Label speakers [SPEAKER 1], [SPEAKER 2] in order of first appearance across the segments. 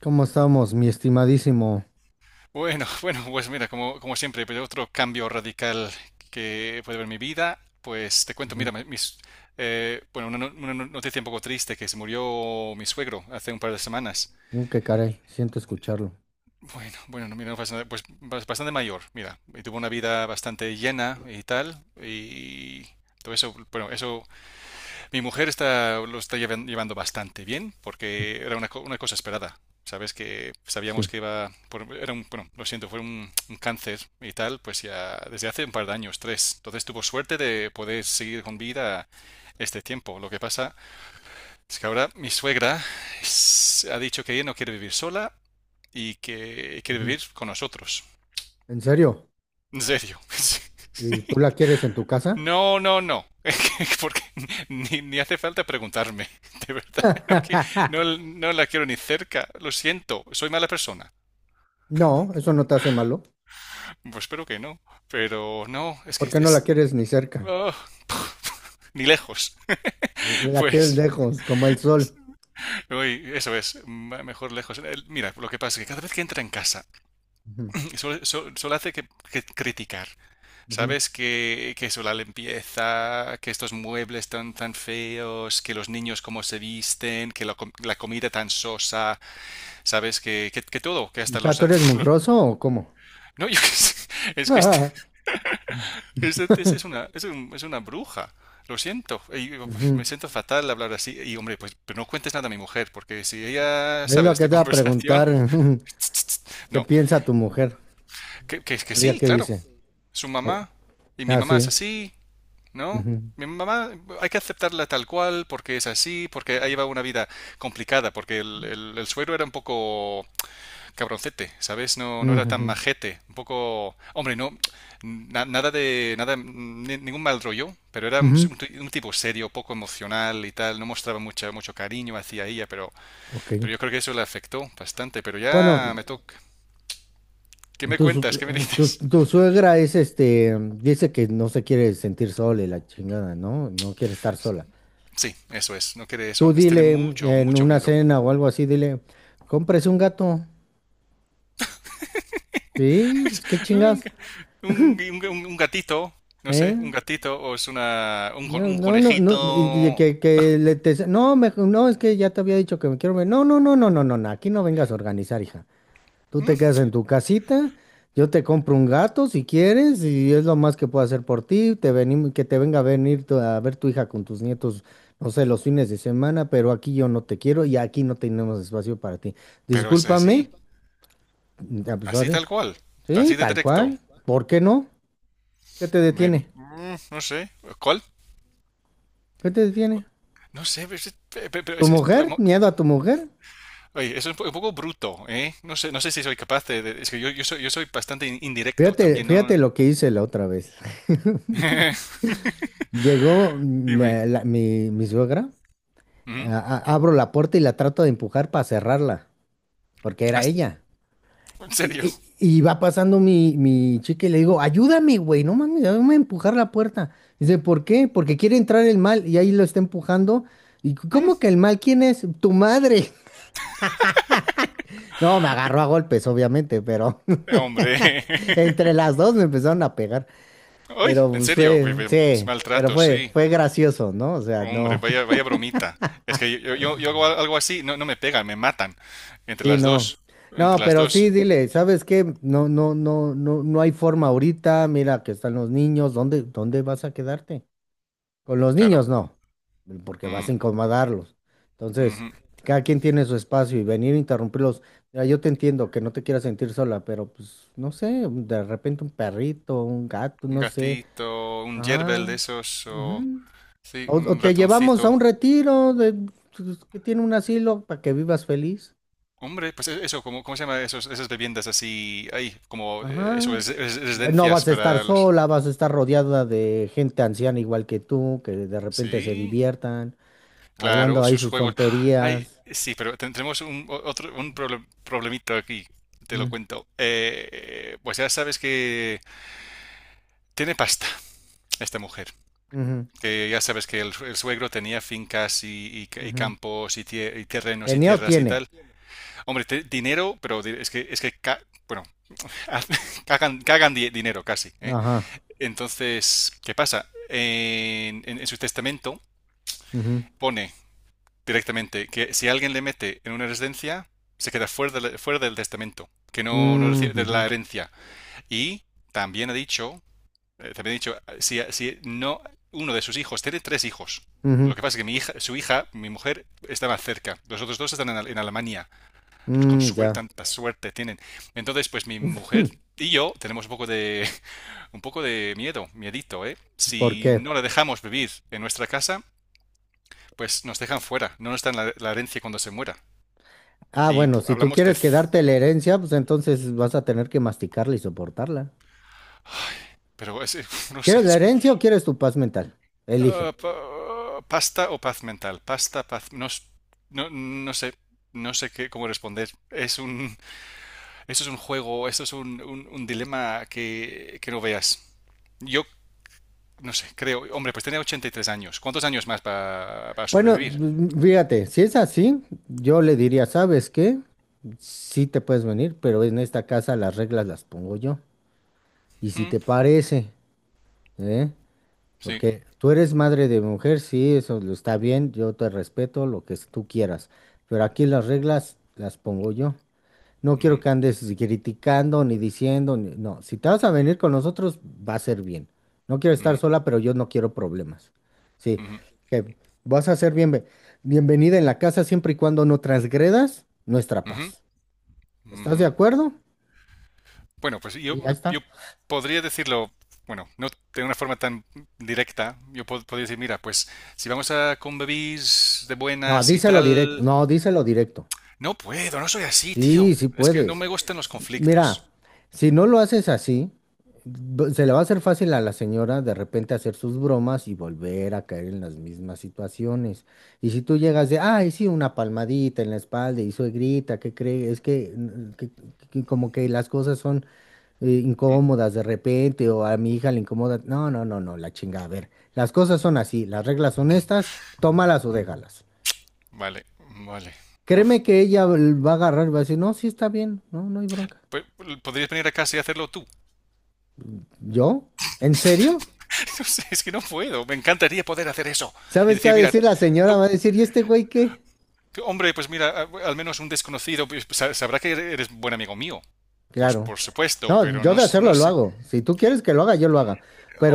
[SPEAKER 1] ¿Cómo estamos, mi estimadísimo?
[SPEAKER 2] Bueno, bueno, pues mira, como siempre, pero otro cambio radical que puede haber en mi vida, pues te cuento,
[SPEAKER 1] Ujú.
[SPEAKER 2] mira, bueno, una no- noticia un poco triste, que se murió mi suegro hace un par de semanas.
[SPEAKER 1] Qué caray, siento escucharlo.
[SPEAKER 2] Bueno, bueno, no, mira, no pasa nada, pues bastante mayor, mira, y tuvo una vida bastante llena y tal, y todo eso, bueno, eso mi mujer está, lo está llevando bastante bien porque era una cosa esperada. Sabes que
[SPEAKER 1] Sí.
[SPEAKER 2] sabíamos que iba, era un, bueno, lo siento, fue un cáncer y tal, pues ya desde hace un par de años, tres. Entonces tuvo suerte de poder seguir con vida este tiempo. Lo que pasa es que ahora mi suegra ha dicho que ella no quiere vivir sola y que quiere
[SPEAKER 1] Ujú.
[SPEAKER 2] vivir con nosotros.
[SPEAKER 1] ¿En serio?
[SPEAKER 2] En serio.
[SPEAKER 1] ¿Y tú la quieres en tu casa?
[SPEAKER 2] No, no, no. Porque ni hace falta preguntarme. De verdad. No, no, no la quiero ni cerca. Lo siento. Soy mala persona.
[SPEAKER 1] No, eso no te hace malo.
[SPEAKER 2] Pues espero que no. Pero no, es
[SPEAKER 1] ¿Por
[SPEAKER 2] que
[SPEAKER 1] qué no la
[SPEAKER 2] es...
[SPEAKER 1] quieres ni cerca?
[SPEAKER 2] ah, ni lejos.
[SPEAKER 1] La quieres
[SPEAKER 2] Pues,
[SPEAKER 1] lejos, como el sol.
[SPEAKER 2] uy, eso es, mejor lejos. Mira, lo que pasa es que cada vez que entra en casa,
[SPEAKER 1] Ujú,
[SPEAKER 2] solo hace que criticar.
[SPEAKER 1] ujú.
[SPEAKER 2] ¿Sabes? Que eso, la limpieza, que estos muebles tan, tan feos, que los niños cómo se visten, que la comida tan sosa, ¿sabes? Que todo, que hasta
[SPEAKER 1] ¿Ya
[SPEAKER 2] los...
[SPEAKER 1] tú eres mugroso o cómo?
[SPEAKER 2] No, yo qué sé, es que este es es una bruja, lo siento, y, pues,
[SPEAKER 1] Ujú.
[SPEAKER 2] me siento fatal de hablar así, y hombre, pues pero no cuentes nada a mi mujer, porque si ella
[SPEAKER 1] Es
[SPEAKER 2] sabe
[SPEAKER 1] lo
[SPEAKER 2] de
[SPEAKER 1] que
[SPEAKER 2] esta
[SPEAKER 1] te va a
[SPEAKER 2] conversación...
[SPEAKER 1] preguntar. Ujú. ¿Qué
[SPEAKER 2] No,
[SPEAKER 1] piensa tu mujer?
[SPEAKER 2] que
[SPEAKER 1] ¿Ya
[SPEAKER 2] sí,
[SPEAKER 1] qué
[SPEAKER 2] claro,
[SPEAKER 1] dice?
[SPEAKER 2] su
[SPEAKER 1] Ay.
[SPEAKER 2] mamá, y mi
[SPEAKER 1] Ah,
[SPEAKER 2] mamá
[SPEAKER 1] sí.
[SPEAKER 2] es así, ¿no?
[SPEAKER 1] Ujú,
[SPEAKER 2] Mi mamá hay que aceptarla tal cual porque es así, porque ella lleva una vida complicada, porque el suegro era un poco cabroncete, ¿sabes? No, no
[SPEAKER 1] ujú,
[SPEAKER 2] era tan
[SPEAKER 1] ujú,
[SPEAKER 2] majete, un poco... Hombre, no, nada de... nada ningún mal rollo, pero era
[SPEAKER 1] ujú.
[SPEAKER 2] un tipo serio, poco emocional y tal, no mostraba mucho cariño hacia ella, pero,
[SPEAKER 1] Ok.
[SPEAKER 2] yo creo que eso le afectó bastante, pero
[SPEAKER 1] Bueno.
[SPEAKER 2] ya me toca... ¿Qué me
[SPEAKER 1] Tu, su-
[SPEAKER 2] cuentas? ¿Qué me
[SPEAKER 1] tu,
[SPEAKER 2] dices?
[SPEAKER 1] tu suegra es este, dice que no se quiere sentir sola y la chingada, ¿no? No quiere estar sola.
[SPEAKER 2] Sí, eso es, no quiere eso,
[SPEAKER 1] Tú
[SPEAKER 2] es tener
[SPEAKER 1] dile
[SPEAKER 2] mucho,
[SPEAKER 1] en
[SPEAKER 2] mucho
[SPEAKER 1] una
[SPEAKER 2] miedo.
[SPEAKER 1] cena o algo así, dile, cómprese un gato. Sí, pues qué
[SPEAKER 2] Un,
[SPEAKER 1] chingas,
[SPEAKER 2] un gatito, no
[SPEAKER 1] ¿eh?
[SPEAKER 2] sé, un gatito o es una, un, con-
[SPEAKER 1] No,
[SPEAKER 2] un
[SPEAKER 1] no, no, no, y que,
[SPEAKER 2] conejito.
[SPEAKER 1] que le no, no, es que ya te había dicho que me quiero ver. No, no, no, no, no, no, no, aquí no vengas a organizar, hija. Tú te
[SPEAKER 2] Mm.
[SPEAKER 1] quedas en tu casita, yo te compro un gato si quieres, y es lo más que puedo hacer por ti. Que te venga a venir a ver tu hija con tus nietos, no sé, los fines de semana, pero aquí yo no te quiero y aquí no tenemos espacio para ti.
[SPEAKER 2] Pero es
[SPEAKER 1] Discúlpame,
[SPEAKER 2] así,
[SPEAKER 1] ya, pues,
[SPEAKER 2] así
[SPEAKER 1] sorry.
[SPEAKER 2] tal cual,
[SPEAKER 1] Sí,
[SPEAKER 2] así de
[SPEAKER 1] tal
[SPEAKER 2] directo.
[SPEAKER 1] cual. ¿Por qué no? ¿Qué te detiene?
[SPEAKER 2] No sé, ¿cuál?
[SPEAKER 1] ¿Qué te detiene?
[SPEAKER 2] No sé, pero,
[SPEAKER 1] ¿Tu mujer? ¿Miedo a tu mujer?
[SPEAKER 2] oye, eso es un poco bruto, ¿eh? No sé, no sé si soy capaz de, es que yo soy bastante indirecto
[SPEAKER 1] Fíjate,
[SPEAKER 2] también, ¿no?
[SPEAKER 1] fíjate lo que hice la otra vez. Llegó
[SPEAKER 2] Dime.
[SPEAKER 1] mi, mi suegra,
[SPEAKER 2] Ujú.
[SPEAKER 1] abro la puerta y la trato de empujar para cerrarla, porque era
[SPEAKER 2] Has-
[SPEAKER 1] ella.
[SPEAKER 2] ¿En
[SPEAKER 1] Y,
[SPEAKER 2] serio?
[SPEAKER 1] y va pasando mi, mi chica y le digo, ayúdame, güey, no mames, ayúdame a empujar la puerta. Dice, ¿por qué? Porque quiere entrar el mal y ahí lo está empujando. ¿Y
[SPEAKER 2] Mm.
[SPEAKER 1] cómo que el mal quién es? Tu madre. No, me agarró a golpes, obviamente, pero
[SPEAKER 2] Hombre.
[SPEAKER 1] entre las dos me empezaron a pegar.
[SPEAKER 2] Ay,
[SPEAKER 1] Pero
[SPEAKER 2] en
[SPEAKER 1] pues,
[SPEAKER 2] serio,
[SPEAKER 1] fue, sí, pero
[SPEAKER 2] maltrato,
[SPEAKER 1] fue,
[SPEAKER 2] sí.
[SPEAKER 1] fue gracioso, ¿no? O sea,
[SPEAKER 2] Hombre,
[SPEAKER 1] no,
[SPEAKER 2] vaya, vaya bromita. Es que yo hago algo así, no, no me pegan, me matan. Entre
[SPEAKER 1] sí,
[SPEAKER 2] las
[SPEAKER 1] no.
[SPEAKER 2] dos. Entre
[SPEAKER 1] No,
[SPEAKER 2] las
[SPEAKER 1] pero sí,
[SPEAKER 2] dos.
[SPEAKER 1] dile, ¿sabes qué? No, no, no, no, no hay forma ahorita. Mira que están los niños. ¿Dónde, dónde vas a quedarte? Con los
[SPEAKER 2] Claro.
[SPEAKER 1] niños no, porque vas
[SPEAKER 2] Mm,
[SPEAKER 1] a incomodarlos. Entonces,
[SPEAKER 2] ujú.
[SPEAKER 1] cada quien tiene su espacio y venir a interrumpirlos. Mira, yo te entiendo que no te quieras sentir sola, pero pues no sé, de repente un perrito, un gato,
[SPEAKER 2] Un
[SPEAKER 1] no sé.
[SPEAKER 2] gatito, un yerbel de
[SPEAKER 1] Ajá.
[SPEAKER 2] esos, o...
[SPEAKER 1] Ujú.
[SPEAKER 2] Sí,
[SPEAKER 1] O
[SPEAKER 2] un
[SPEAKER 1] te llevamos a
[SPEAKER 2] ratoncito.
[SPEAKER 1] un retiro de, pues, que tiene un asilo para que vivas feliz.
[SPEAKER 2] Hombre, pues eso, ¿cómo se llama esos, esas bebiendas así? Ahí, como... eso,
[SPEAKER 1] Ajá. No
[SPEAKER 2] residencias
[SPEAKER 1] vas a estar
[SPEAKER 2] para los...
[SPEAKER 1] sola, vas a estar rodeada de gente anciana igual que tú, que de repente se
[SPEAKER 2] Sí,
[SPEAKER 1] diviertan,
[SPEAKER 2] claro,
[SPEAKER 1] hablando ahí
[SPEAKER 2] sus
[SPEAKER 1] sus
[SPEAKER 2] juegos. ¡Ah! Ay,
[SPEAKER 1] tonterías.
[SPEAKER 2] sí, pero tendremos un, otro, un problemita aquí. Te lo
[SPEAKER 1] Mm.
[SPEAKER 2] cuento. Pues ya sabes que... Tiene pasta esta mujer.
[SPEAKER 1] Ujú,
[SPEAKER 2] Que ya sabes que el suegro tenía fincas y, y
[SPEAKER 1] ujú.
[SPEAKER 2] campos y, y terrenos y
[SPEAKER 1] ¿Tenía o
[SPEAKER 2] tierras y
[SPEAKER 1] tiene?
[SPEAKER 2] tal. Hombre, dinero, pero es que, bueno, cagan dinero casi, ¿eh?
[SPEAKER 1] Ajá.
[SPEAKER 2] Entonces, ¿qué pasa? En su testamento
[SPEAKER 1] Ujú.
[SPEAKER 2] pone directamente que si alguien le mete en una residencia, se queda fuera, fuera del testamento, que no
[SPEAKER 1] Mm,
[SPEAKER 2] recibe de la
[SPEAKER 1] ujú,
[SPEAKER 2] herencia. Y también ha dicho también he dicho, si no, uno de sus hijos tiene tres hijos.
[SPEAKER 1] ujú.
[SPEAKER 2] Lo que pasa es que mi hija, su hija, mi mujer, está más cerca. Los otros dos están en, en Alemania. Con
[SPEAKER 1] Mm,
[SPEAKER 2] suerte,
[SPEAKER 1] ya.
[SPEAKER 2] tanta suerte tienen. Entonces, pues mi mujer y yo tenemos un poco de, un poco de miedo, miedito, ¿eh?
[SPEAKER 1] ¿Por
[SPEAKER 2] Si
[SPEAKER 1] qué?
[SPEAKER 2] no la dejamos vivir en nuestra casa, pues nos dejan fuera. No nos dan la herencia cuando se muera.
[SPEAKER 1] Ah,
[SPEAKER 2] Y
[SPEAKER 1] bueno, si tú
[SPEAKER 2] hablamos de...
[SPEAKER 1] quieres quedarte la herencia, pues entonces vas a tener que masticarla y soportarla.
[SPEAKER 2] Pero es, no sé,
[SPEAKER 1] ¿Quieres la
[SPEAKER 2] es
[SPEAKER 1] herencia o quieres tu paz mental? Elige.
[SPEAKER 2] Ah, pasta o paz mental. Pasta, paz. No, no, no sé. No sé qué, cómo responder. Esto es un juego, esto es un dilema que no veas. Yo no sé, creo. Hombre, pues tenía 83 años. ¿Cuántos años más para pa
[SPEAKER 1] Bueno,
[SPEAKER 2] sobrevivir?
[SPEAKER 1] fíjate, si es así, yo le diría, ¿sabes qué? Sí te puedes venir, pero en esta casa las reglas las pongo yo. Y si
[SPEAKER 2] Hmm.
[SPEAKER 1] te parece, ¿eh?
[SPEAKER 2] Sí.
[SPEAKER 1] Porque tú eres madre de mujer, sí, eso lo está bien, yo te respeto lo que tú quieras, pero aquí las reglas las pongo yo. No quiero que
[SPEAKER 2] Ujú,
[SPEAKER 1] andes criticando ni diciendo, no, si te vas a venir con nosotros, va a ser bien. No quiero estar
[SPEAKER 2] ujú,
[SPEAKER 1] sola, pero yo no quiero problemas. Sí,
[SPEAKER 2] ujú,
[SPEAKER 1] que vas a ser bienvenida en la casa siempre y cuando no transgredas nuestra
[SPEAKER 2] ujú,
[SPEAKER 1] paz. ¿Estás
[SPEAKER 2] ujú.
[SPEAKER 1] de acuerdo?
[SPEAKER 2] Bueno, pues
[SPEAKER 1] Y ya está.
[SPEAKER 2] yo podría decirlo, bueno, no de una forma tan directa. Yo podría decir, mira, pues si vamos a convivir de
[SPEAKER 1] No,
[SPEAKER 2] buenas y
[SPEAKER 1] díselo directo,
[SPEAKER 2] tal.
[SPEAKER 1] no, díselo directo.
[SPEAKER 2] No puedo, no soy así, tío.
[SPEAKER 1] Sí, sí
[SPEAKER 2] Es que no
[SPEAKER 1] puedes.
[SPEAKER 2] me gustan los
[SPEAKER 1] Mira,
[SPEAKER 2] conflictos.
[SPEAKER 1] si no lo haces así, se le va a hacer fácil a la señora de repente hacer sus bromas y volver a caer en las mismas situaciones. Y si tú llegas de, ay, sí, una palmadita en la espalda y suegrita, ¿qué crees? Es que, que como que las cosas son
[SPEAKER 2] Mm,
[SPEAKER 1] incómodas de repente o a mi hija le incomoda. No, no, no, no, la chinga. A ver, las cosas son así, las reglas son estas, tómalas o
[SPEAKER 2] mm,
[SPEAKER 1] déjalas.
[SPEAKER 2] vale, vale.
[SPEAKER 1] Créeme
[SPEAKER 2] Uf.
[SPEAKER 1] que ella va a agarrar y va a decir, no, sí está bien, no, no hay bronca.
[SPEAKER 2] Pe- ¿Podrías venir a casa y hacerlo tú?
[SPEAKER 1] ¿Yo? ¿En serio?
[SPEAKER 2] No sé, es que no puedo. Me encantaría poder hacer eso. Y
[SPEAKER 1] ¿Sabes qué va
[SPEAKER 2] decir,
[SPEAKER 1] a
[SPEAKER 2] mira,
[SPEAKER 1] decir la señora?
[SPEAKER 2] tú-
[SPEAKER 1] Va a decir, ¿y este güey qué?
[SPEAKER 2] tú, hombre, pues mira, al menos un desconocido pues, sabrá que eres buen amigo mío. Pues
[SPEAKER 1] Claro.
[SPEAKER 2] por supuesto,
[SPEAKER 1] No,
[SPEAKER 2] pero
[SPEAKER 1] yo
[SPEAKER 2] no,
[SPEAKER 1] de hacerlo
[SPEAKER 2] no
[SPEAKER 1] lo
[SPEAKER 2] sé.
[SPEAKER 1] hago. Si tú quieres que lo haga, yo lo haga.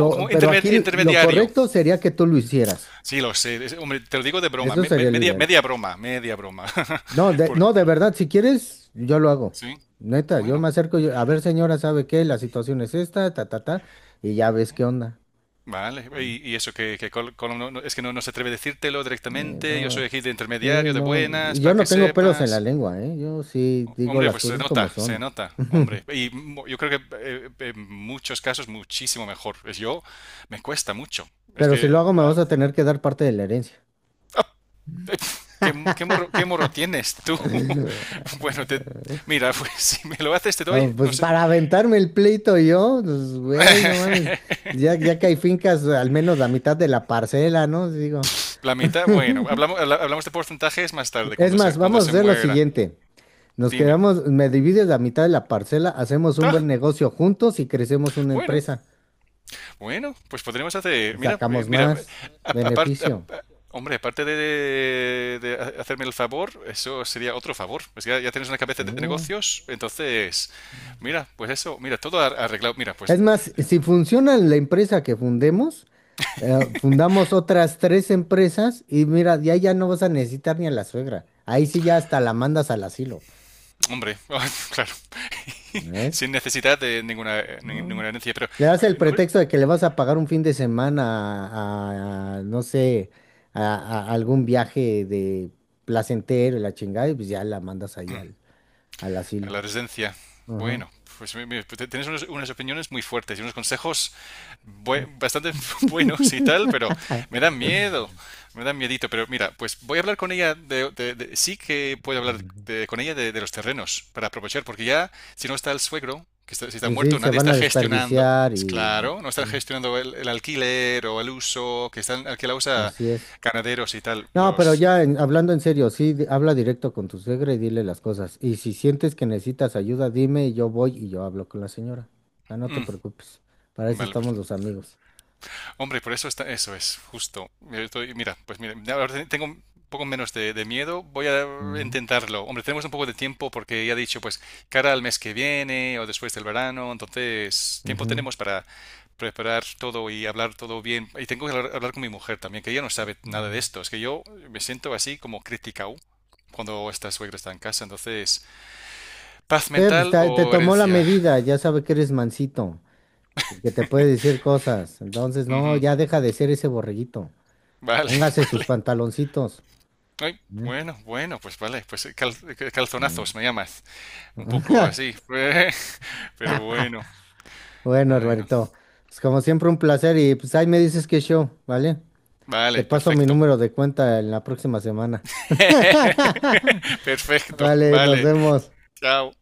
[SPEAKER 2] O como
[SPEAKER 1] Pero aquí lo
[SPEAKER 2] intermediario.
[SPEAKER 1] correcto sería que tú lo hicieras.
[SPEAKER 2] Sí, lo sé. Hombre, te lo digo de broma.
[SPEAKER 1] Eso sería lo
[SPEAKER 2] Media,
[SPEAKER 1] ideal.
[SPEAKER 2] media broma, media broma.
[SPEAKER 1] No, de,
[SPEAKER 2] Por-
[SPEAKER 1] no, de verdad, si quieres, yo lo hago.
[SPEAKER 2] sí.
[SPEAKER 1] Neta, yo
[SPEAKER 2] Bueno,
[SPEAKER 1] me acerco, yo, a ver, señora, ¿sabe qué? La situación es esta, ta, ta, ta, y ya ves qué onda.
[SPEAKER 2] vale, y, eso que Colom es que no se atreve a decírtelo directamente, yo soy
[SPEAKER 1] No,
[SPEAKER 2] aquí de
[SPEAKER 1] sí,
[SPEAKER 2] intermediario, de
[SPEAKER 1] no,
[SPEAKER 2] buenas,
[SPEAKER 1] yo
[SPEAKER 2] para
[SPEAKER 1] no
[SPEAKER 2] que
[SPEAKER 1] tengo pelos en la
[SPEAKER 2] sepas.
[SPEAKER 1] lengua, ¿eh? Yo sí digo
[SPEAKER 2] Hombre,
[SPEAKER 1] las
[SPEAKER 2] pues
[SPEAKER 1] cosas como
[SPEAKER 2] se
[SPEAKER 1] son.
[SPEAKER 2] nota, hombre. Y yo creo que en muchos casos muchísimo mejor. Es yo, me cuesta mucho. Es
[SPEAKER 1] Pero si lo
[SPEAKER 2] que,
[SPEAKER 1] hago, me
[SPEAKER 2] ah,
[SPEAKER 1] vas a tener que dar parte de la herencia.
[SPEAKER 2] ¿qué morro, qué morro tienes tú? Bueno, mira, pues si me lo haces te
[SPEAKER 1] Ah,
[SPEAKER 2] doy, no
[SPEAKER 1] pues
[SPEAKER 2] sé.
[SPEAKER 1] para aventarme el pleito yo, pues güey, no mames. Ya, ya que hay fincas, al menos la mitad de la parcela, ¿no? Digo.
[SPEAKER 2] La mitad, bueno, hablamos, hablamos de porcentajes más tarde,
[SPEAKER 1] Es más,
[SPEAKER 2] cuando
[SPEAKER 1] vamos a
[SPEAKER 2] se
[SPEAKER 1] hacer lo
[SPEAKER 2] muera.
[SPEAKER 1] siguiente. Nos
[SPEAKER 2] Dime.
[SPEAKER 1] quedamos, me divides la mitad de la parcela, hacemos un
[SPEAKER 2] Ah,
[SPEAKER 1] buen negocio juntos y crecemos una
[SPEAKER 2] bueno.
[SPEAKER 1] empresa.
[SPEAKER 2] Bueno, pues podremos
[SPEAKER 1] Y
[SPEAKER 2] hacer.
[SPEAKER 1] sacamos
[SPEAKER 2] Mira,
[SPEAKER 1] más
[SPEAKER 2] aparte,
[SPEAKER 1] beneficio.
[SPEAKER 2] hombre, aparte de, hacerme el favor, eso sería otro favor. Pues ya, ya tienes una cabeza de
[SPEAKER 1] Sí.
[SPEAKER 2] negocios, entonces, mira, pues eso, mira, todo arreglado. Mira, pues,
[SPEAKER 1] Es más, si funciona la empresa que fundemos, fundamos otras tres empresas y mira, ya ya no vas a necesitar ni a la suegra. Ahí sí ya hasta la mandas al asilo,
[SPEAKER 2] hombre, claro,
[SPEAKER 1] ¿ves?
[SPEAKER 2] sin necesidad de
[SPEAKER 1] ¿No?
[SPEAKER 2] ninguna herencia, pero,
[SPEAKER 1] Le das el
[SPEAKER 2] no,
[SPEAKER 1] pretexto de que le vas a pagar un fin de semana a, no sé, a, a algún viaje de placentero y la chingada, y pues ya la mandas ahí al, al
[SPEAKER 2] a
[SPEAKER 1] asilo.
[SPEAKER 2] la residencia.
[SPEAKER 1] Ajá.
[SPEAKER 2] Bueno, pues pues, tienes unas opiniones muy fuertes y unos consejos bastante buenos y tal, pero me dan miedo, me dan miedito. Pero mira, pues voy a hablar con ella de, sí que puedo hablar con ella de, los terrenos para aprovechar, porque ya si no está el suegro, si está
[SPEAKER 1] Pues sí,
[SPEAKER 2] muerto,
[SPEAKER 1] se
[SPEAKER 2] nadie
[SPEAKER 1] van
[SPEAKER 2] está
[SPEAKER 1] a
[SPEAKER 2] gestionando,
[SPEAKER 1] desperdiciar
[SPEAKER 2] es
[SPEAKER 1] y
[SPEAKER 2] claro, no están
[SPEAKER 1] sí,
[SPEAKER 2] gestionando el alquiler o el uso, que están alquilados a
[SPEAKER 1] así es.
[SPEAKER 2] ganaderos y tal,
[SPEAKER 1] No, pero
[SPEAKER 2] los...
[SPEAKER 1] ya hablando en serio, sí, habla directo con tu suegra y dile las cosas. Y si sientes que necesitas ayuda, dime y yo voy y yo hablo con la señora. Ah, no te
[SPEAKER 2] Mm,
[SPEAKER 1] preocupes, para eso
[SPEAKER 2] vale, pues
[SPEAKER 1] estamos los amigos.
[SPEAKER 2] hombre, por eso está, eso es, justo. Mira, pues mira, ahora tengo un poco menos de, miedo, voy a
[SPEAKER 1] Ujú,
[SPEAKER 2] intentarlo. Hombre, tenemos un poco de tiempo porque ya he dicho, pues, cara al mes que viene o después del verano, entonces tiempo
[SPEAKER 1] ujú,
[SPEAKER 2] tenemos para preparar todo y hablar todo bien. Y tengo que hablar con mi mujer también, que ella no sabe nada de
[SPEAKER 1] ujú.
[SPEAKER 2] esto. Es que yo me siento así como criticado cuando esta suegra está en casa. Entonces, paz
[SPEAKER 1] Pues
[SPEAKER 2] mental
[SPEAKER 1] te,
[SPEAKER 2] o
[SPEAKER 1] tomó la
[SPEAKER 2] herencia.
[SPEAKER 1] medida, ya sabe que eres mansito y que te puede decir cosas. Entonces, no,
[SPEAKER 2] Ujú.
[SPEAKER 1] ya deja de ser ese borreguito.
[SPEAKER 2] Vale,
[SPEAKER 1] Póngase sus
[SPEAKER 2] vale.
[SPEAKER 1] pantaloncitos.
[SPEAKER 2] Ay,
[SPEAKER 1] ¿Eh?
[SPEAKER 2] bueno, bueno, pues vale, pues
[SPEAKER 1] Bueno.
[SPEAKER 2] calzonazos me llamas, un poco así, pero bueno,
[SPEAKER 1] Bueno,
[SPEAKER 2] bueno,
[SPEAKER 1] hermanito. Pues como siempre, un placer y pues ahí me dices qué show, ¿vale? Te
[SPEAKER 2] vale,
[SPEAKER 1] paso mi
[SPEAKER 2] perfecto,
[SPEAKER 1] número de cuenta en la próxima semana.
[SPEAKER 2] perfecto,
[SPEAKER 1] Vale, nos
[SPEAKER 2] vale,
[SPEAKER 1] vemos.
[SPEAKER 2] chao.